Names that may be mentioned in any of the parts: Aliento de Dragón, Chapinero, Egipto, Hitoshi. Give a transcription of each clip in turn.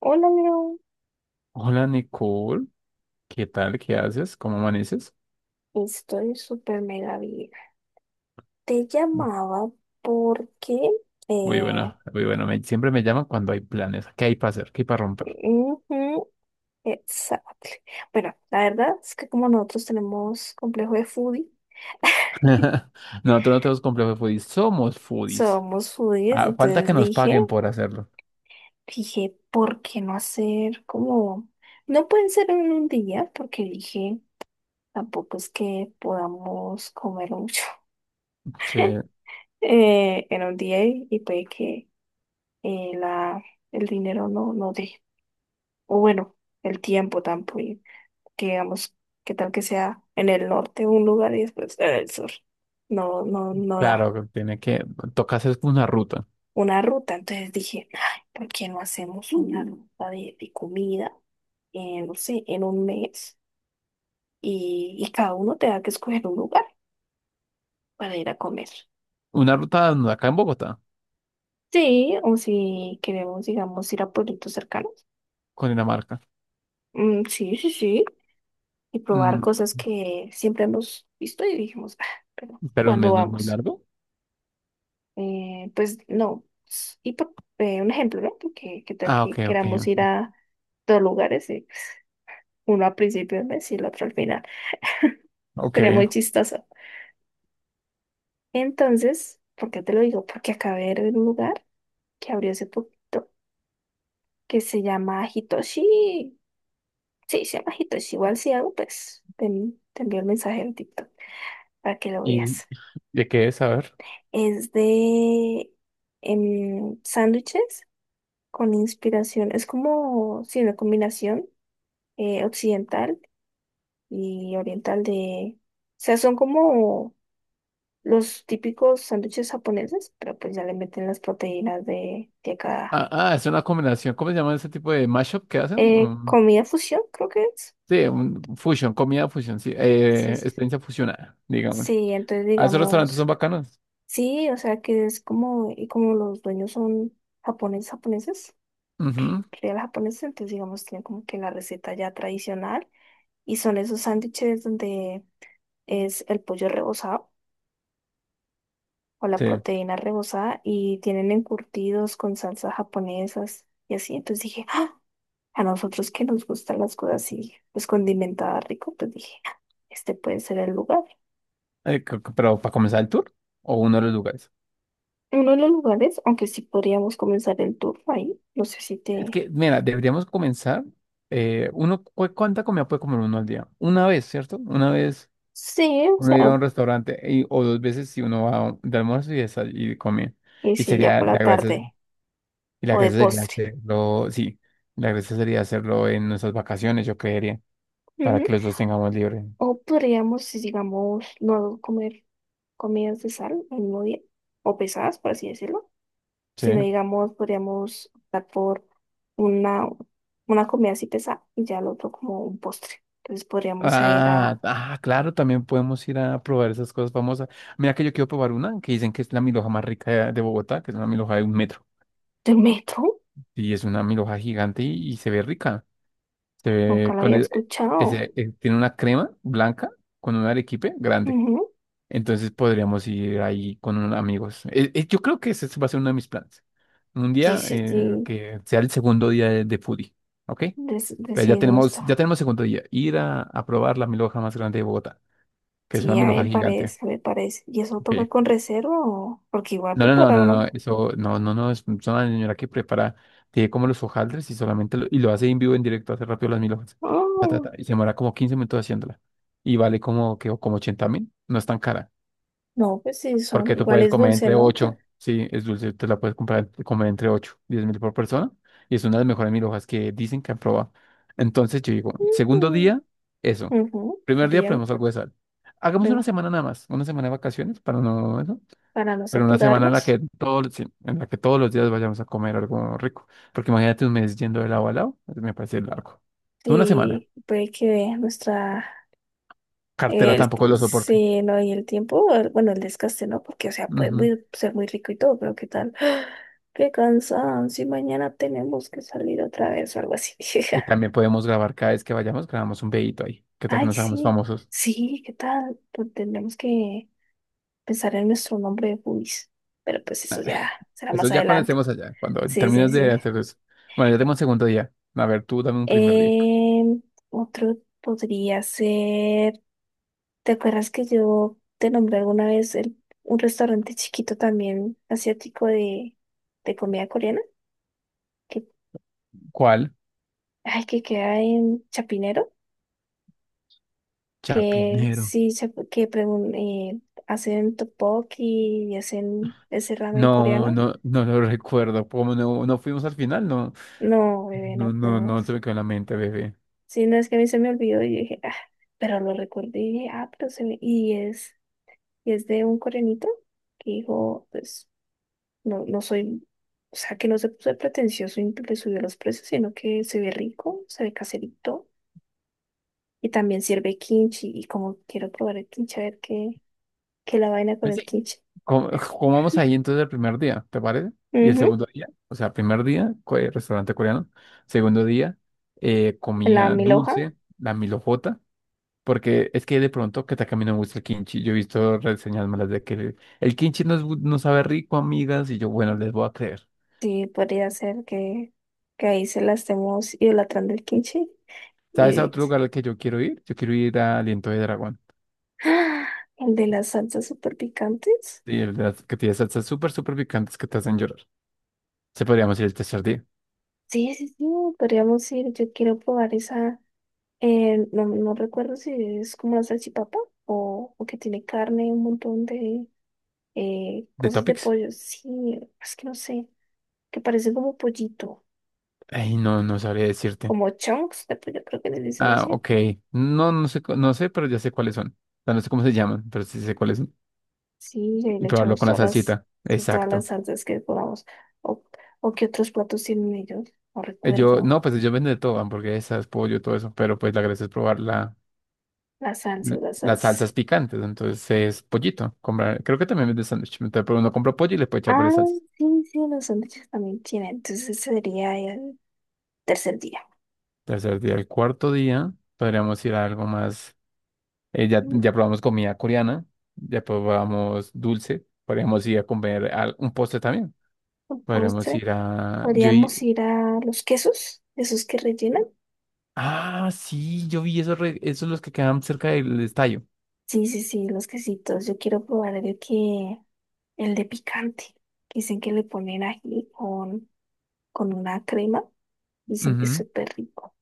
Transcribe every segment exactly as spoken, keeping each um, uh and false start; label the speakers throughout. Speaker 1: Hola, Leo.
Speaker 2: Hola Nicole, ¿qué tal? ¿Qué haces? ¿Cómo amaneces?
Speaker 1: Estoy súper mega bien. Te llamaba porque.
Speaker 2: Muy
Speaker 1: Eh,
Speaker 2: bueno, muy bueno. Me- siempre me llaman cuando hay planes. ¿Qué hay para hacer? ¿Qué hay para romper?
Speaker 1: ujú, exacto. Bueno, la verdad es que como nosotros tenemos complejo de foodie,
Speaker 2: Nosotros no tenemos complejo de foodies, somos foodies.
Speaker 1: somos foodies,
Speaker 2: Ah, falta
Speaker 1: entonces
Speaker 2: que nos
Speaker 1: dije,
Speaker 2: paguen por hacerlo.
Speaker 1: dije, ¿por qué no hacer como. No pueden ser en un día, porque dije, tampoco es que podamos comer mucho
Speaker 2: Sí,
Speaker 1: eh, en un día y, y puede que eh, la, el dinero no, no dé. O bueno, el tiempo tampoco, que digamos, qué tal que sea en el norte un lugar y después en el sur. No, no, no da
Speaker 2: claro, que tiene que, toca hacer una ruta.
Speaker 1: una ruta. Entonces dije, ay, ¿por qué no hacemos una ruta de, de comida, eh, no sé, ¿en un mes? Y, y cada uno te da que escoger un lugar para ir a comer.
Speaker 2: Una ruta acá en Bogotá,
Speaker 1: Sí, o si queremos, digamos, ir a pueblitos cercanos.
Speaker 2: con Dinamarca.
Speaker 1: Mm, sí, sí, sí. Y probar
Speaker 2: Mm,
Speaker 1: cosas que siempre hemos visto y dijimos, ah, pero
Speaker 2: pero un
Speaker 1: ¿cuándo
Speaker 2: mes no es muy
Speaker 1: vamos?
Speaker 2: largo.
Speaker 1: Eh, pues no. Y por eh, un ejemplo, ¿no? Porque qué tal
Speaker 2: Ah, ok,
Speaker 1: que
Speaker 2: ok,
Speaker 1: queramos
Speaker 2: en.
Speaker 1: ir a dos lugares, y, pues, uno al principio del mes y el otro al final.
Speaker 2: Ok.
Speaker 1: Sería muy chistoso. Entonces, ¿por qué te lo digo? Porque acabé de ver un lugar que abrió hace poquito que se llama Hitoshi. Sí, se llama Hitoshi. Igual si algo, pues te, te envío el mensaje en TikTok para que lo
Speaker 2: ¿Y
Speaker 1: veas.
Speaker 2: de qué es? A ver.
Speaker 1: Es de em, sándwiches con inspiración. Es como, sí, una combinación eh, occidental y oriental de. O sea, son como los típicos sándwiches japoneses, pero pues ya le meten las proteínas de, de acá.
Speaker 2: Ah, ah, es una combinación. ¿Cómo se llama ese tipo de mashup que hacen?
Speaker 1: Eh,
Speaker 2: Mm.
Speaker 1: comida fusión, creo que es.
Speaker 2: Sí, un fusion, comida fusion, sí,
Speaker 1: Sí,
Speaker 2: eh,
Speaker 1: sí,
Speaker 2: experiencia fusionada, digámosle.
Speaker 1: sí, entonces
Speaker 2: Ah, esos restaurantes
Speaker 1: digamos,
Speaker 2: son bacanos.
Speaker 1: sí, o sea que es como, y como los dueños son japoneses, japoneses,
Speaker 2: Ujú,
Speaker 1: real japoneses, entonces digamos, tienen como que la receta ya tradicional y son esos sándwiches donde es el pollo rebozado o la
Speaker 2: sí.
Speaker 1: proteína rebozada y tienen encurtidos con salsas japonesas y así. Entonces dije, ¡ah! A nosotros que nos gustan las cosas así, pues condimentadas rico, pues dije, "Ah, este puede ser el lugar."
Speaker 2: Eh, c- c- pero para comenzar el tour o uno de los lugares.
Speaker 1: Uno de los lugares, aunque sí podríamos comenzar el tour ahí, no sé si
Speaker 2: Es
Speaker 1: te.
Speaker 2: que, mira, deberíamos comenzar. Eh, uno, cu- ¿cuánta comida puede comer uno al día? Una vez, ¿cierto? Una vez
Speaker 1: Sí, o
Speaker 2: uno
Speaker 1: sea,
Speaker 2: iba a un restaurante y- o dos veces si uno va a un- de almuerzo y, desay- y come.
Speaker 1: y
Speaker 2: Y
Speaker 1: si ya
Speaker 2: sería
Speaker 1: por la
Speaker 2: la gracia,
Speaker 1: tarde
Speaker 2: y la
Speaker 1: o de
Speaker 2: gracia sería
Speaker 1: postre.
Speaker 2: hacerlo, sí, la gracia sería hacerlo en nuestras vacaciones, yo creería, para
Speaker 1: Ujú.
Speaker 2: que los dos tengamos libre.
Speaker 1: O podríamos, si digamos, no comer comidas de sal el mismo día, o pesadas, por así decirlo,
Speaker 2: Sí.
Speaker 1: sino digamos, podríamos optar por una, una comida así pesada y ya el otro como un postre. Entonces podríamos ir
Speaker 2: Ah,
Speaker 1: a
Speaker 2: ah, claro, también podemos ir a probar esas cosas famosas. Mira que yo quiero probar una que dicen que es la milhoja más rica de, de Bogotá, que es una milhoja de un metro.
Speaker 1: del metro,
Speaker 2: Y es una milhoja gigante y, y se ve rica. Se
Speaker 1: nunca
Speaker 2: ve
Speaker 1: lo
Speaker 2: con
Speaker 1: había
Speaker 2: e- e,
Speaker 1: escuchado.
Speaker 2: ese- eh, Tiene una crema blanca con un arequipe grande.
Speaker 1: Ujú.
Speaker 2: Entonces podríamos ir ahí con unos amigos. Eh, eh, yo creo que ese va a ser uno de mis planes. Un
Speaker 1: Sí,
Speaker 2: día
Speaker 1: sí,
Speaker 2: eh,
Speaker 1: sí,
Speaker 2: que sea el segundo día de, de foodie, ¿ok?
Speaker 1: des-
Speaker 2: Pero ya
Speaker 1: decidimos
Speaker 2: tenemos,
Speaker 1: esto.
Speaker 2: ya tenemos segundo día. Ir a, a probar la milhoja más grande de Bogotá. Que es
Speaker 1: Sí,
Speaker 2: una
Speaker 1: ya
Speaker 2: milhoja
Speaker 1: me
Speaker 2: gigante.
Speaker 1: parece, me parece. ¿Y eso toca
Speaker 2: Okay.
Speaker 1: con reserva o? Porque igual
Speaker 2: No, no, no,
Speaker 1: preparar
Speaker 2: no, no.
Speaker 1: una.
Speaker 2: Eso, no, no, no. Es es una señora que prepara, tiene como los hojaldres y solamente lo, y lo hace en vivo, en directo, hace rápido las milhojas. Ta, ta,
Speaker 1: Oh,
Speaker 2: ta, y se demora como quince minutos haciéndola. Y vale como, que, como ochenta mil. No es tan cara.
Speaker 1: no, pues sí, son
Speaker 2: Porque tú puedes
Speaker 1: iguales
Speaker 2: comer
Speaker 1: dulce,
Speaker 2: entre
Speaker 1: ¿no?
Speaker 2: ocho. Sí, es dulce. Te la puedes comprar, comer entre ocho diez mil por persona. Y es una de las mejores milhojas que dicen que han probado. Entonces yo digo, segundo
Speaker 1: Ujú.
Speaker 2: día, eso.
Speaker 1: Ujú.
Speaker 2: Primer día
Speaker 1: Podríamos,
Speaker 2: ponemos algo de sal. Hagamos una
Speaker 1: bueno,
Speaker 2: semana nada más, una semana de vacaciones para no, eso.
Speaker 1: para no
Speaker 2: Pero una semana en la
Speaker 1: saturarnos.
Speaker 2: que todos, sí, en la que todos los días vayamos a comer algo rico. Porque imagínate un mes yendo de lado a lado, eso me parece largo. Tú. Una semana.
Speaker 1: Sí, puede que vea nuestra.
Speaker 2: Cartera
Speaker 1: El,
Speaker 2: tampoco
Speaker 1: t-
Speaker 2: lo soporte.
Speaker 1: sí, no, y el tiempo, el- bueno, el desgaste, ¿no? Porque, o sea, puede
Speaker 2: Ujú.
Speaker 1: muy- ser muy rico y todo, pero ¿qué tal? Qué cansancio, y mañana tenemos que salir otra vez o algo así.
Speaker 2: Y también podemos grabar cada vez que vayamos, grabamos un videito ahí. ¿Qué tal que
Speaker 1: Ay,
Speaker 2: nos hagamos
Speaker 1: sí,
Speaker 2: famosos?
Speaker 1: sí, ¿qué tal? Pues tendremos que pensar en nuestro nombre de Pubis, pero pues eso ya será
Speaker 2: Eso
Speaker 1: más
Speaker 2: es ya cuando
Speaker 1: adelante.
Speaker 2: estemos allá, cuando
Speaker 1: Sí, sí,
Speaker 2: termines de
Speaker 1: sí.
Speaker 2: hacer eso. Bueno, ya tenemos un segundo día. A ver, tú dame un primer día.
Speaker 1: Em, otro podría ser. ¿Te acuerdas que yo te nombré alguna vez el- un restaurante chiquito también asiático de, de comida coreana? Que,
Speaker 2: ¿Cuál?
Speaker 1: ay, que queda en Chapinero, que
Speaker 2: Chapinero.
Speaker 1: sí, chap- que pregun- eh, hacen tteokbokki y hacen ese ramen
Speaker 2: No,
Speaker 1: coreano.
Speaker 2: no, no lo recuerdo. Como no, no fuimos al final, no,
Speaker 1: No, bebé, no
Speaker 2: no, no, no se
Speaker 1: podemos.
Speaker 2: me quedó en la mente, bebé.
Speaker 1: Sí, no, es que a mí se me olvidó y yo dije, ah, pero lo recordé y dije, ah, pero se me. Y es, y es de un coreanito que dijo, pues. No, no soy, o sea, que no se puso de pretencioso y le subió los precios, sino que se ve rico, se ve caserito y también sirve kimchi. Y como quiero probar el kimchi, a ver qué, qué la vaina con
Speaker 2: Pues
Speaker 1: el
Speaker 2: sí,
Speaker 1: kimchi.
Speaker 2: com- comamos ahí entonces el primer día, ¿te parece? Y el
Speaker 1: Ujú,
Speaker 2: segundo día, o sea, primer día, co- eh, restaurante coreano. Segundo día, eh,
Speaker 1: la
Speaker 2: comía
Speaker 1: mil hoja,
Speaker 2: dulce, la milojota, porque es que de pronto que también me gusta el kimchi. Yo he visto reseñas malas de que el kimchi no, es bu- no sabe rico, amigas, y yo, bueno, les voy a creer.
Speaker 1: sí, podría ser que, que ahí se la estemos idolatrando el kimchi.
Speaker 2: ¿Sabes a
Speaker 1: Y
Speaker 2: otro lugar al que yo quiero ir? Yo quiero ir a Aliento de Dragón.
Speaker 1: ¡ah! el de las salsas super picantes.
Speaker 2: Sí, el de las que tiene salsas súper, súper picantes que te hacen llorar. Se podríamos ir el tercer día.
Speaker 1: Sí, sí, sí, podríamos ir. Yo quiero probar esa. Eh, no, no recuerdo si es como una salchipapa o, o que tiene carne, un montón de eh,
Speaker 2: ¿De
Speaker 1: cosas de
Speaker 2: Topics?
Speaker 1: pollo. Sí, es que no sé, que parece como pollito,
Speaker 2: Ay, no, no sabría decirte.
Speaker 1: como chunks de pollo, creo que le dicen
Speaker 2: Ah,
Speaker 1: así.
Speaker 2: ok. No, no sé, cu- no sé, pero ya sé cuáles son. O sea, no sé cómo se llaman, pero sí sé cuáles son.
Speaker 1: Sí, y ahí
Speaker 2: Y
Speaker 1: le
Speaker 2: probarlo
Speaker 1: echamos
Speaker 2: con la
Speaker 1: todas las,
Speaker 2: salsita.
Speaker 1: todas las
Speaker 2: Exacto.
Speaker 1: salsas que podamos. O, o qué otros platos tienen ellos, no
Speaker 2: Eh, Yo,
Speaker 1: recuerdo.
Speaker 2: no, pues yo venden de todo, hamburguesas, pollo, todo eso, pero pues la gracia es probar la,
Speaker 1: Las
Speaker 2: l-
Speaker 1: salsas, las
Speaker 2: las
Speaker 1: salsas.
Speaker 2: salsas picantes. Entonces es pollito. Comprar, creo que también vende sándwich. Entonces, pero uno compra pollo y le puede echar
Speaker 1: Ah,
Speaker 2: varias salsas.
Speaker 1: sí, sí, los sándwiches también tienen. Entonces ese sería el tercer día.
Speaker 2: Tercer día, el cuarto día, podríamos ir a algo más. eh, ya,
Speaker 1: Mm,
Speaker 2: ya probamos comida coreana, ya probamos dulce, podríamos ir a comer al- un postre también.
Speaker 1: un
Speaker 2: Podríamos
Speaker 1: postre.
Speaker 2: ir a. Yo.
Speaker 1: Podríamos ir a los quesos, esos que rellenan.
Speaker 2: Ah, sí, yo vi esos, re- esos los que quedan cerca del estadio.
Speaker 1: Sí, sí, sí, los quesitos. Yo quiero probar el que, el de picante. Dicen que le ponen ají con, con una crema. Dicen que es
Speaker 2: Ujú.
Speaker 1: súper rico.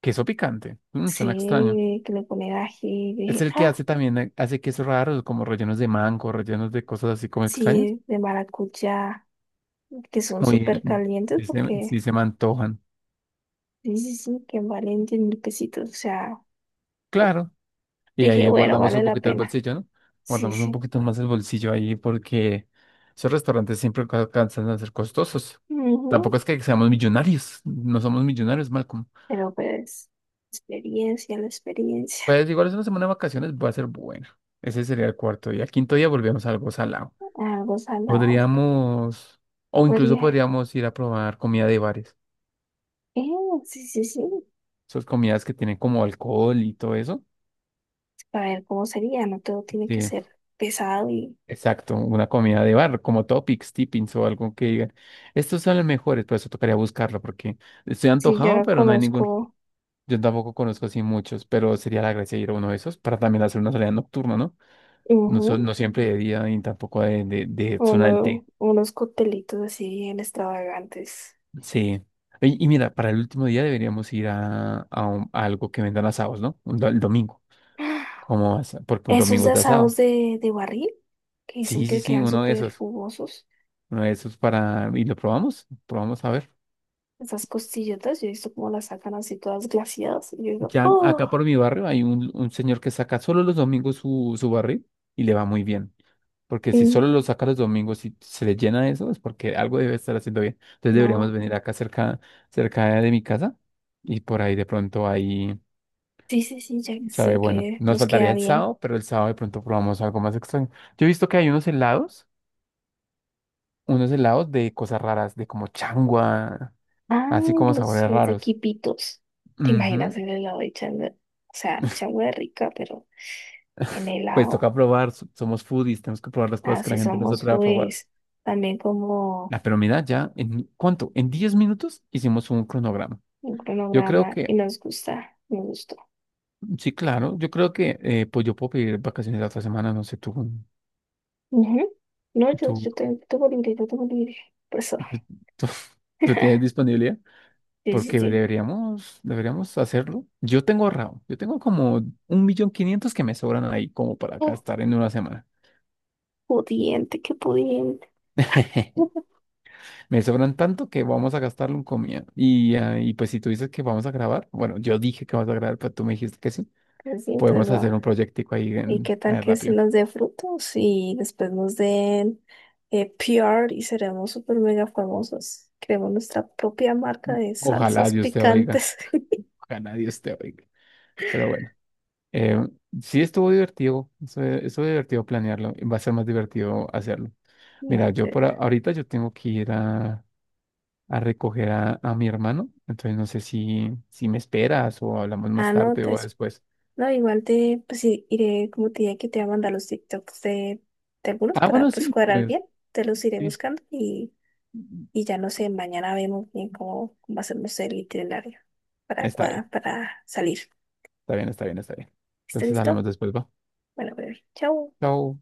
Speaker 2: Queso picante. Mm, suena extraño.
Speaker 1: Sí, que le ponen ají
Speaker 2: Es
Speaker 1: de,
Speaker 2: el que
Speaker 1: ah,
Speaker 2: hace también, eh, hace quesos raros, como rellenos de mango, rellenos de cosas así como extrañas.
Speaker 1: sí, de maracuyá, que son
Speaker 2: Muy,
Speaker 1: súper calientes
Speaker 2: sí se, sí
Speaker 1: porque,
Speaker 2: se me antojan.
Speaker 1: sí, sí, sí, que valen 10 mil pesitos. O sea,
Speaker 2: Claro. Y
Speaker 1: dije,
Speaker 2: ahí
Speaker 1: bueno,
Speaker 2: guardamos
Speaker 1: vale
Speaker 2: un
Speaker 1: la
Speaker 2: poquito el
Speaker 1: pena.
Speaker 2: bolsillo, ¿no?
Speaker 1: Sí,
Speaker 2: Guardamos un
Speaker 1: sí.
Speaker 2: poquito más el bolsillo ahí porque esos restaurantes siempre ca- alcanzan a ser costosos. Tampoco
Speaker 1: Ujú.
Speaker 2: es que seamos millonarios. No somos millonarios, Malcolm.
Speaker 1: Pero pues, experiencia, la experiencia.
Speaker 2: Pues igual es una semana de vacaciones, va a ser buena. Ese sería el cuarto día. Quinto día volvemos a algo salado.
Speaker 1: Algo salado.
Speaker 2: Podríamos, o incluso
Speaker 1: Podría.
Speaker 2: podríamos ir a probar comida de bares.
Speaker 1: Eh, sí, sí, sí.
Speaker 2: Esas comidas que tienen como alcohol y todo eso.
Speaker 1: Para ver cómo sería. No todo tiene que
Speaker 2: Sí,
Speaker 1: ser pesado. Y
Speaker 2: exacto, una comida de bar, como topics, tippings o algo que digan. Estos son los mejores, por eso tocaría buscarlo, porque estoy
Speaker 1: si yo
Speaker 2: antojado,
Speaker 1: no
Speaker 2: pero no hay ninguno.
Speaker 1: conozco,
Speaker 2: Yo tampoco conozco así muchos, pero sería la gracia ir a uno de esos para también hacer una salida nocturna, ¿no? No,
Speaker 1: ujú,
Speaker 2: so- no siempre de día y tampoco de, de, de zona del
Speaker 1: uno-
Speaker 2: té.
Speaker 1: unos coctelitos así bien extravagantes.
Speaker 2: Sí. Ey, y, mira, para el último día deberíamos ir a, a un- a algo que vendan asados, ¿no? Un do- el domingo. Como asa- Porque un
Speaker 1: Esos
Speaker 2: domingo
Speaker 1: de
Speaker 2: es de
Speaker 1: asados
Speaker 2: asados.
Speaker 1: de, de barril que dicen
Speaker 2: Sí, sí,
Speaker 1: que
Speaker 2: sí,
Speaker 1: quedan
Speaker 2: uno de
Speaker 1: súper
Speaker 2: esos.
Speaker 1: jugosos.
Speaker 2: Uno de esos para. ¿Y lo probamos? Probamos a ver.
Speaker 1: Esas costillotas, yo he visto cómo las sacan así todas glaciadas. Y yo digo,
Speaker 2: Ya
Speaker 1: oh,
Speaker 2: acá por mi barrio hay un, un señor que saca solo los domingos su, su barril y le va muy bien. Porque si
Speaker 1: mm,
Speaker 2: solo lo saca los domingos y se le llena eso, es porque algo debe estar haciendo bien. Entonces deberíamos
Speaker 1: no.
Speaker 2: venir acá cerca, cerca de mi casa y por ahí de pronto hay.
Speaker 1: Sí, sí, sí, ya
Speaker 2: Sabe,
Speaker 1: sí
Speaker 2: bueno,
Speaker 1: que
Speaker 2: nos
Speaker 1: nos
Speaker 2: faltaría
Speaker 1: queda
Speaker 2: el
Speaker 1: bien.
Speaker 2: sábado, pero el sábado de pronto probamos algo más extraño. Yo he visto que hay unos helados, unos helados de cosas raras, de como changua,
Speaker 1: Ay,
Speaker 2: así como
Speaker 1: los,
Speaker 2: sabores
Speaker 1: los de
Speaker 2: raros.
Speaker 1: Quipitos. ¿Te
Speaker 2: Ujú.
Speaker 1: imaginas el helado de changua? O sea, changua es rica, pero en
Speaker 2: Pues
Speaker 1: helado.
Speaker 2: toca probar, so- somos foodies, tenemos que probar las cosas que la
Speaker 1: Así
Speaker 2: gente nos
Speaker 1: somos,
Speaker 2: atreve a probar.
Speaker 1: pues, también como
Speaker 2: La Pero mira, ya, ¿en cuánto? En diez minutos hicimos un cronograma.
Speaker 1: un
Speaker 2: Yo creo
Speaker 1: cronograma y
Speaker 2: que,
Speaker 1: nos gusta, me gustó.
Speaker 2: sí, claro, yo creo que eh, pues yo puedo pedir vacaciones la otra semana, no sé, tú,
Speaker 1: Ujú. No, yo,
Speaker 2: tú,
Speaker 1: yo tengo, tengo libre, yo tengo libre. Por eso.
Speaker 2: tú, tú tienes disponibilidad.
Speaker 1: Sí, sí,
Speaker 2: Porque
Speaker 1: sí.
Speaker 2: deberíamos, deberíamos hacerlo. Yo tengo ahorrado. Yo tengo como un millón quinientos que me sobran ahí como para
Speaker 1: Oh,
Speaker 2: gastar en una semana.
Speaker 1: pudiente, qué pudiente.
Speaker 2: Me sobran tanto que vamos a gastarlo en comida. Y, ah, y pues si tú dices que vamos a grabar, bueno, yo dije que vamos a grabar, pero tú me dijiste que sí.
Speaker 1: Así entonces,
Speaker 2: Podemos hacer
Speaker 1: va.
Speaker 2: un proyectico ahí
Speaker 1: ¿Y
Speaker 2: en,
Speaker 1: qué tal
Speaker 2: eh,
Speaker 1: que si
Speaker 2: rápido.
Speaker 1: nos dé frutos y después nos den eh, P R y seremos súper mega famosos? Creemos nuestra propia marca de
Speaker 2: Ojalá
Speaker 1: salsas
Speaker 2: Dios te oiga.
Speaker 1: picantes.
Speaker 2: Ojalá Dios te oiga. Pero bueno, eh, sí estuvo divertido. Eso- Estuvo divertido planearlo. y va a ser más divertido hacerlo. Mira, yo
Speaker 1: Miente.
Speaker 2: por a- ahorita yo tengo que ir a a recoger a, a mi hermano. Entonces no sé si, si me esperas o hablamos más
Speaker 1: Ah, no,
Speaker 2: tarde
Speaker 1: te-
Speaker 2: o
Speaker 1: es-
Speaker 2: después.
Speaker 1: no, igual te, pues sí, iré, como te dije que te voy a mandar los TikToks de, de algunos
Speaker 2: Ah,
Speaker 1: para
Speaker 2: bueno,
Speaker 1: pues
Speaker 2: sí,
Speaker 1: cuadrar
Speaker 2: pues
Speaker 1: bien. Te los iré
Speaker 2: sí.
Speaker 1: buscando y, y ya no sé, mañana vemos bien cómo, cómo hacemos el itinerario para
Speaker 2: Está bien,
Speaker 1: cuadrar, para salir.
Speaker 2: está bien, está bien, está bien.
Speaker 1: ¿Está
Speaker 2: Entonces
Speaker 1: listo?
Speaker 2: hablamos después, va.
Speaker 1: Bueno, bebé, chao.
Speaker 2: Chao.